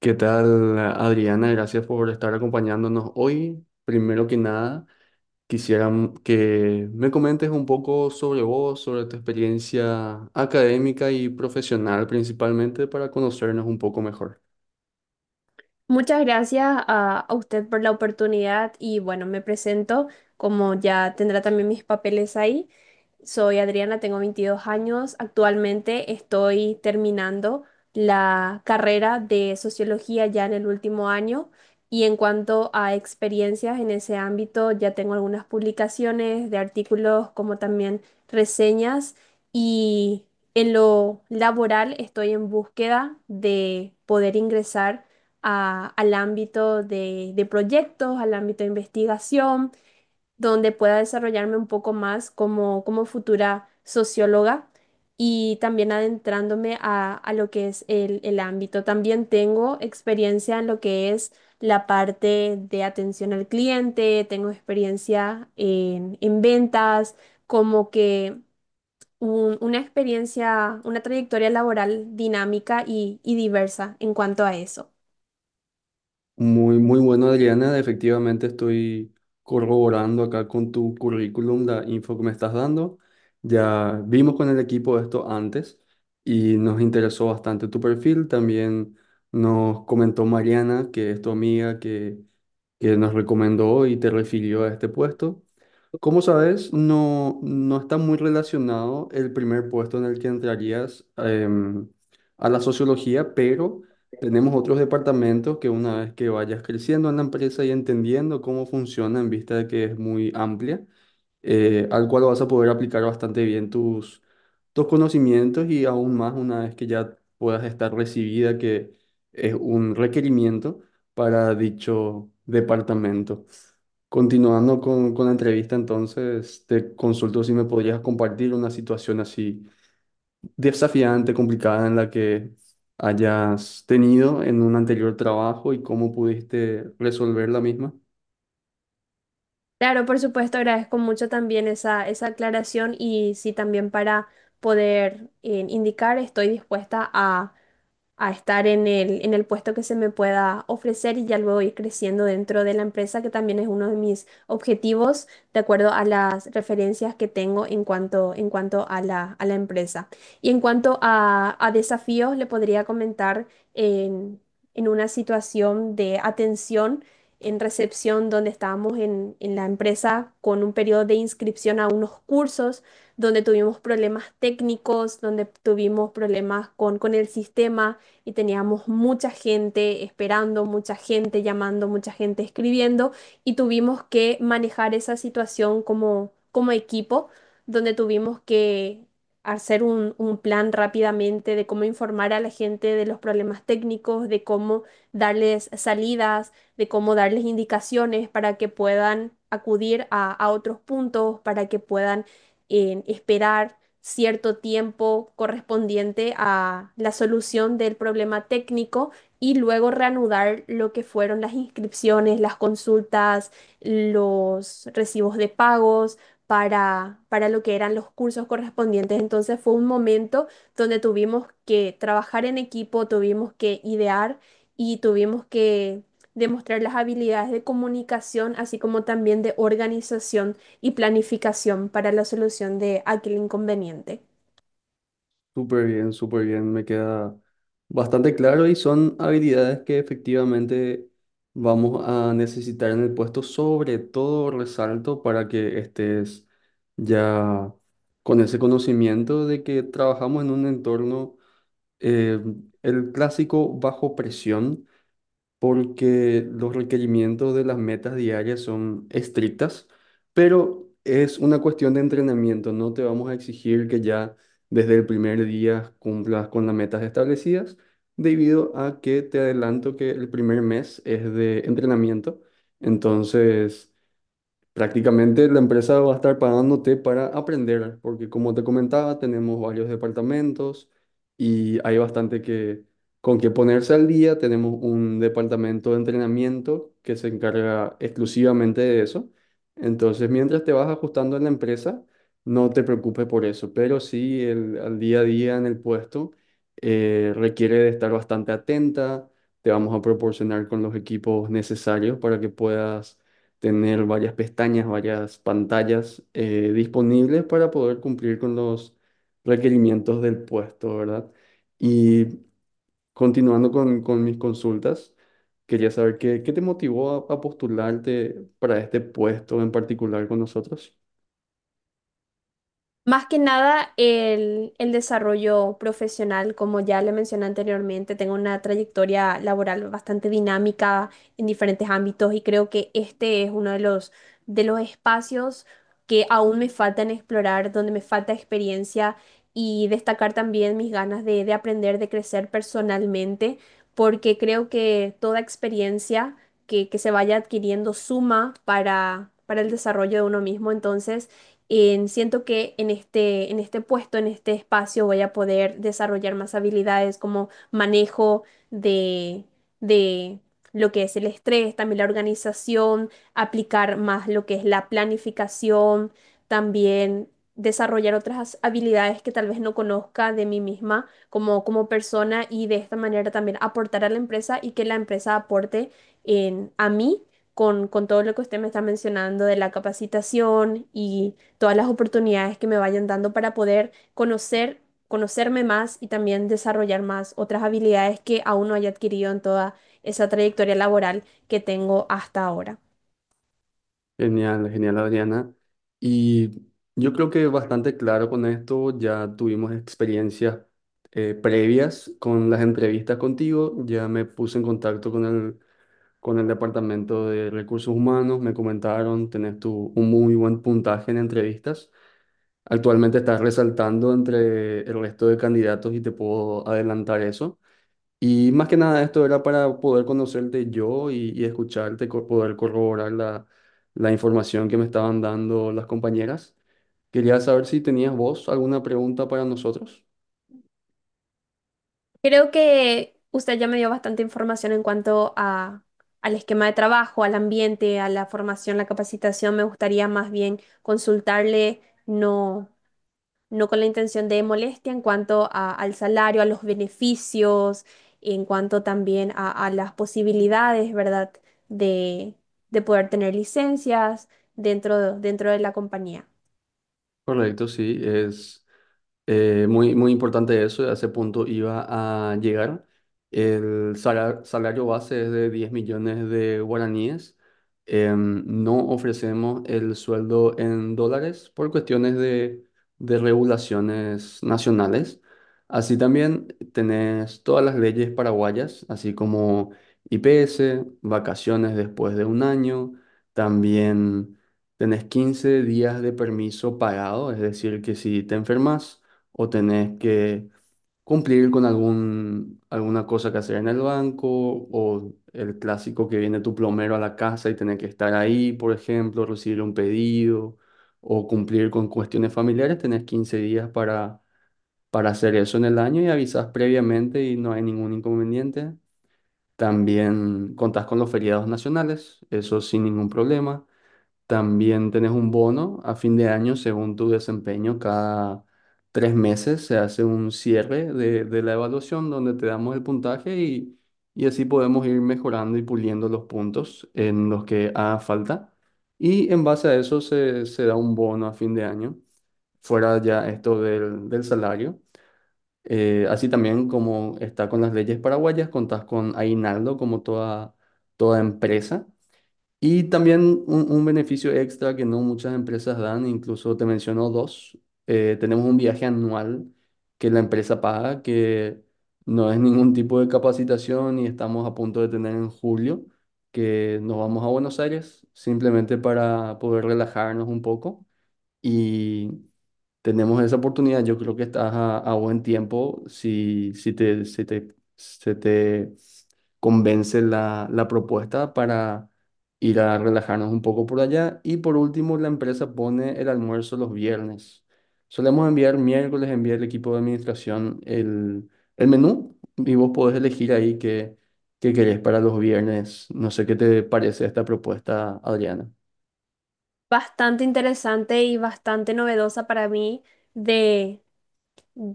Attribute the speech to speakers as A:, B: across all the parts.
A: ¿Qué tal, Adriana? Gracias por estar acompañándonos hoy. Primero que nada, quisiera que me comentes un poco sobre vos, sobre tu experiencia académica y profesional principalmente para conocernos un poco mejor.
B: Muchas gracias a usted por la oportunidad y bueno, me presento como ya tendrá también mis papeles ahí. Soy Adriana, tengo 22 años. Actualmente estoy terminando la carrera de sociología ya en el último año y en cuanto a experiencias en ese ámbito, ya tengo algunas publicaciones de artículos como también reseñas y en lo laboral estoy en búsqueda de poder ingresar al ámbito de proyectos, al ámbito de investigación donde pueda desarrollarme un poco más como futura socióloga y también adentrándome a lo que es el ámbito. También tengo experiencia en lo que es la parte de atención al cliente, tengo experiencia en ventas, como que una experiencia, una trayectoria laboral dinámica y diversa en cuanto a eso.
A: Muy, muy bueno, Adriana. Efectivamente, estoy corroborando acá con tu currículum la info que me estás dando. Ya vimos con el equipo esto antes y nos interesó bastante tu perfil. También nos comentó Mariana, que es tu amiga, que nos recomendó y te refirió a este puesto. Como sabes, no está muy relacionado el primer puesto en el que entrarías a la sociología, pero tenemos otros departamentos que una vez que vayas creciendo en la empresa y entendiendo cómo funciona en vista de que es muy amplia, al cual vas a poder aplicar bastante bien tus conocimientos y aún más una vez que ya puedas estar recibida, que es un requerimiento para dicho departamento. Continuando con la entrevista, entonces te consulto si me podrías compartir una situación así desafiante, complicada en la que hayas tenido en un anterior trabajo y cómo pudiste resolver la misma.
B: Claro, por supuesto, agradezco mucho también esa aclaración y sí, también para poder indicar, estoy dispuesta a estar en el puesto que se me pueda ofrecer y ya luego ir creciendo dentro de la empresa, que también es uno de mis objetivos, de acuerdo a las referencias que tengo en cuanto a la empresa. Y en cuanto a desafíos, le podría comentar en, en una situación de atención en recepción donde estábamos en la empresa con un periodo de inscripción a unos cursos donde tuvimos problemas técnicos, donde tuvimos problemas con el sistema, y teníamos mucha gente esperando, mucha gente llamando, mucha gente escribiendo y tuvimos que manejar esa situación como equipo, donde tuvimos que hacer un plan rápidamente de cómo informar a la gente de los problemas técnicos, de cómo darles salidas, de cómo darles indicaciones para que puedan acudir a otros puntos, para que puedan esperar cierto tiempo correspondiente a la solución del problema técnico y luego reanudar lo que fueron las inscripciones, las consultas, los recibos de pagos para lo que eran los cursos correspondientes. Entonces fue un momento donde tuvimos que trabajar en equipo, tuvimos que idear y tuvimos que demostrar las habilidades de comunicación, así como también de organización y planificación para la solución de aquel inconveniente.
A: Súper bien, me queda bastante claro y son habilidades que efectivamente vamos a necesitar en el puesto, sobre todo resalto para que estés ya con ese conocimiento de que trabajamos en un entorno, eh, el clásico bajo presión, porque los requerimientos de las metas diarias son estrictas, pero es una cuestión de entrenamiento. No te vamos a exigir que ya desde el primer día cumplas con las metas establecidas, debido a que te adelanto que el primer mes es de entrenamiento. Entonces, prácticamente la empresa va a estar pagándote para aprender, porque como te comentaba, tenemos varios departamentos y hay bastante que con que ponerse al día. Tenemos un departamento de entrenamiento que se encarga exclusivamente de eso. Entonces, mientras te vas ajustando en la empresa, no te preocupes por eso, pero sí al día a día en el puesto requiere de estar bastante atenta. Te vamos a proporcionar con los equipos necesarios para que puedas tener varias pestañas, varias pantallas disponibles para poder cumplir con los requerimientos del puesto, ¿verdad? Y continuando con mis consultas, quería saber qué te motivó a postularte para este puesto en particular con nosotros.
B: Más que nada el desarrollo profesional, como ya le mencioné anteriormente, tengo una trayectoria laboral bastante dinámica en diferentes ámbitos y creo que este es uno de los espacios que aún me faltan explorar, donde me falta experiencia y destacar también mis ganas de aprender, de crecer personalmente, porque creo que toda experiencia que se vaya adquiriendo suma para el desarrollo de uno mismo. Entonces, siento que en este puesto, en este espacio, voy a poder desarrollar más habilidades como manejo de, de lo que es el estrés, también la organización, aplicar más lo que es la planificación, también desarrollar otras habilidades que tal vez no conozca de mí misma como persona y de esta manera también aportar a la empresa y que la empresa aporte en, a mí con todo lo que usted me está mencionando de la capacitación y todas las oportunidades que me vayan dando para poder conocer, conocerme más y también desarrollar más otras habilidades que aún no haya adquirido en toda esa trayectoria laboral que tengo hasta ahora.
A: Genial, genial, Adriana. Y yo creo que bastante claro con esto, ya tuvimos experiencias previas con las entrevistas contigo, ya me puse en contacto con el departamento de recursos humanos, me comentaron, un muy buen puntaje en entrevistas. Actualmente estás resaltando entre el resto de candidatos y te puedo adelantar eso. Y más que nada esto era para poder conocerte yo y escucharte, poder corroborar la información que me estaban dando las compañeras. Quería saber si tenías vos alguna pregunta para nosotros.
B: Creo que usted ya me dio bastante información en cuanto a, al esquema de trabajo, al ambiente, a la formación, la capacitación. Me gustaría más bien consultarle, no, no con la intención de molestia en cuanto al salario, a los beneficios, en cuanto también a las posibilidades, ¿verdad? De, de poder tener licencias dentro de la compañía.
A: Correcto, sí, es muy, muy importante eso, a ese punto iba a llegar. El salario base es de 10 millones de guaraníes. No ofrecemos el sueldo en dólares por cuestiones de regulaciones nacionales. Así también tenés todas las leyes paraguayas, así como IPS, vacaciones después de un año. También tenés 15 días de permiso pagado, es decir, que si te enfermas o tenés que cumplir con alguna cosa que hacer en el banco o el clásico que viene tu plomero a la casa y tenés que estar ahí, por ejemplo, recibir un pedido o cumplir con cuestiones familiares, tenés 15 días para hacer eso en el año y avisás previamente y no hay ningún inconveniente. También contás con los feriados nacionales, eso sin ningún problema. También tenés un bono a fin de año según tu desempeño. Cada 3 meses se hace un cierre de la evaluación donde te damos el puntaje y así podemos ir mejorando y puliendo los puntos en los que haga falta. Y en base a eso se da un bono a fin de año, fuera ya esto del salario. Así también como está con las leyes paraguayas, contás con aguinaldo como toda, toda empresa. Y también un beneficio extra que no muchas empresas dan, incluso te menciono dos. Tenemos un viaje anual que la empresa paga, que no es ningún tipo de capacitación y estamos a punto de tener en julio, que nos vamos a Buenos Aires simplemente para poder relajarnos un poco. Y tenemos esa oportunidad, yo creo que estás a buen tiempo si se te convence la propuesta para ir a relajarnos un poco por allá. Y por último, la empresa pone el almuerzo los viernes. Solemos enviar miércoles, enviar el equipo de administración el menú y vos podés elegir ahí qué querés para los viernes. No sé qué te parece esta propuesta, Adriana.
B: Bastante interesante y bastante novedosa para mí de mm,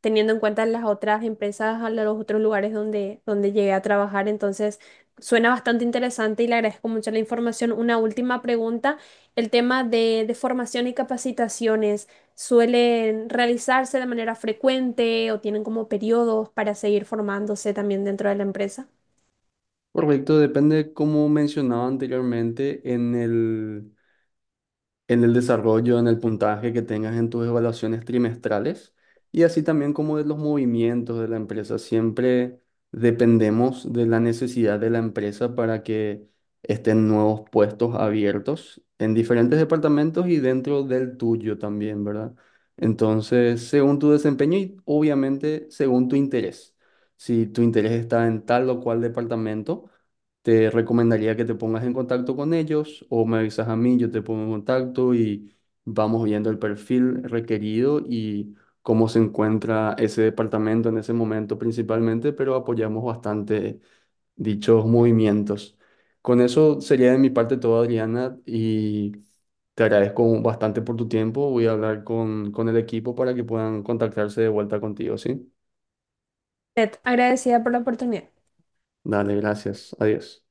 B: teniendo en cuenta las otras empresas, a los otros lugares donde, donde llegué a trabajar. Entonces, suena bastante interesante y le agradezco mucho la información. Una última pregunta, el tema de formación y capacitaciones, ¿suelen realizarse de manera frecuente o tienen como periodos para seguir formándose también dentro de la empresa?
A: Correcto, depende, como mencionaba anteriormente, en en el desarrollo, en el puntaje que tengas en tus evaluaciones trimestrales y así también como de los movimientos de la empresa. Siempre dependemos de la necesidad de la empresa para que estén nuevos puestos abiertos en diferentes departamentos y dentro del tuyo también, ¿verdad? Entonces, según tu desempeño y obviamente según tu interés. Si tu interés está en tal o cual departamento, te recomendaría que te pongas en contacto con ellos o me avisas a mí, yo te pongo en contacto y vamos viendo el perfil requerido y cómo se encuentra ese departamento en ese momento principalmente, pero apoyamos bastante dichos movimientos. Con eso sería de mi parte todo, Adriana, y te agradezco bastante por tu tiempo. Voy a hablar con el equipo para que puedan contactarse de vuelta contigo, ¿sí?
B: Ted, agradecida por la oportunidad.
A: Dale, gracias. Adiós.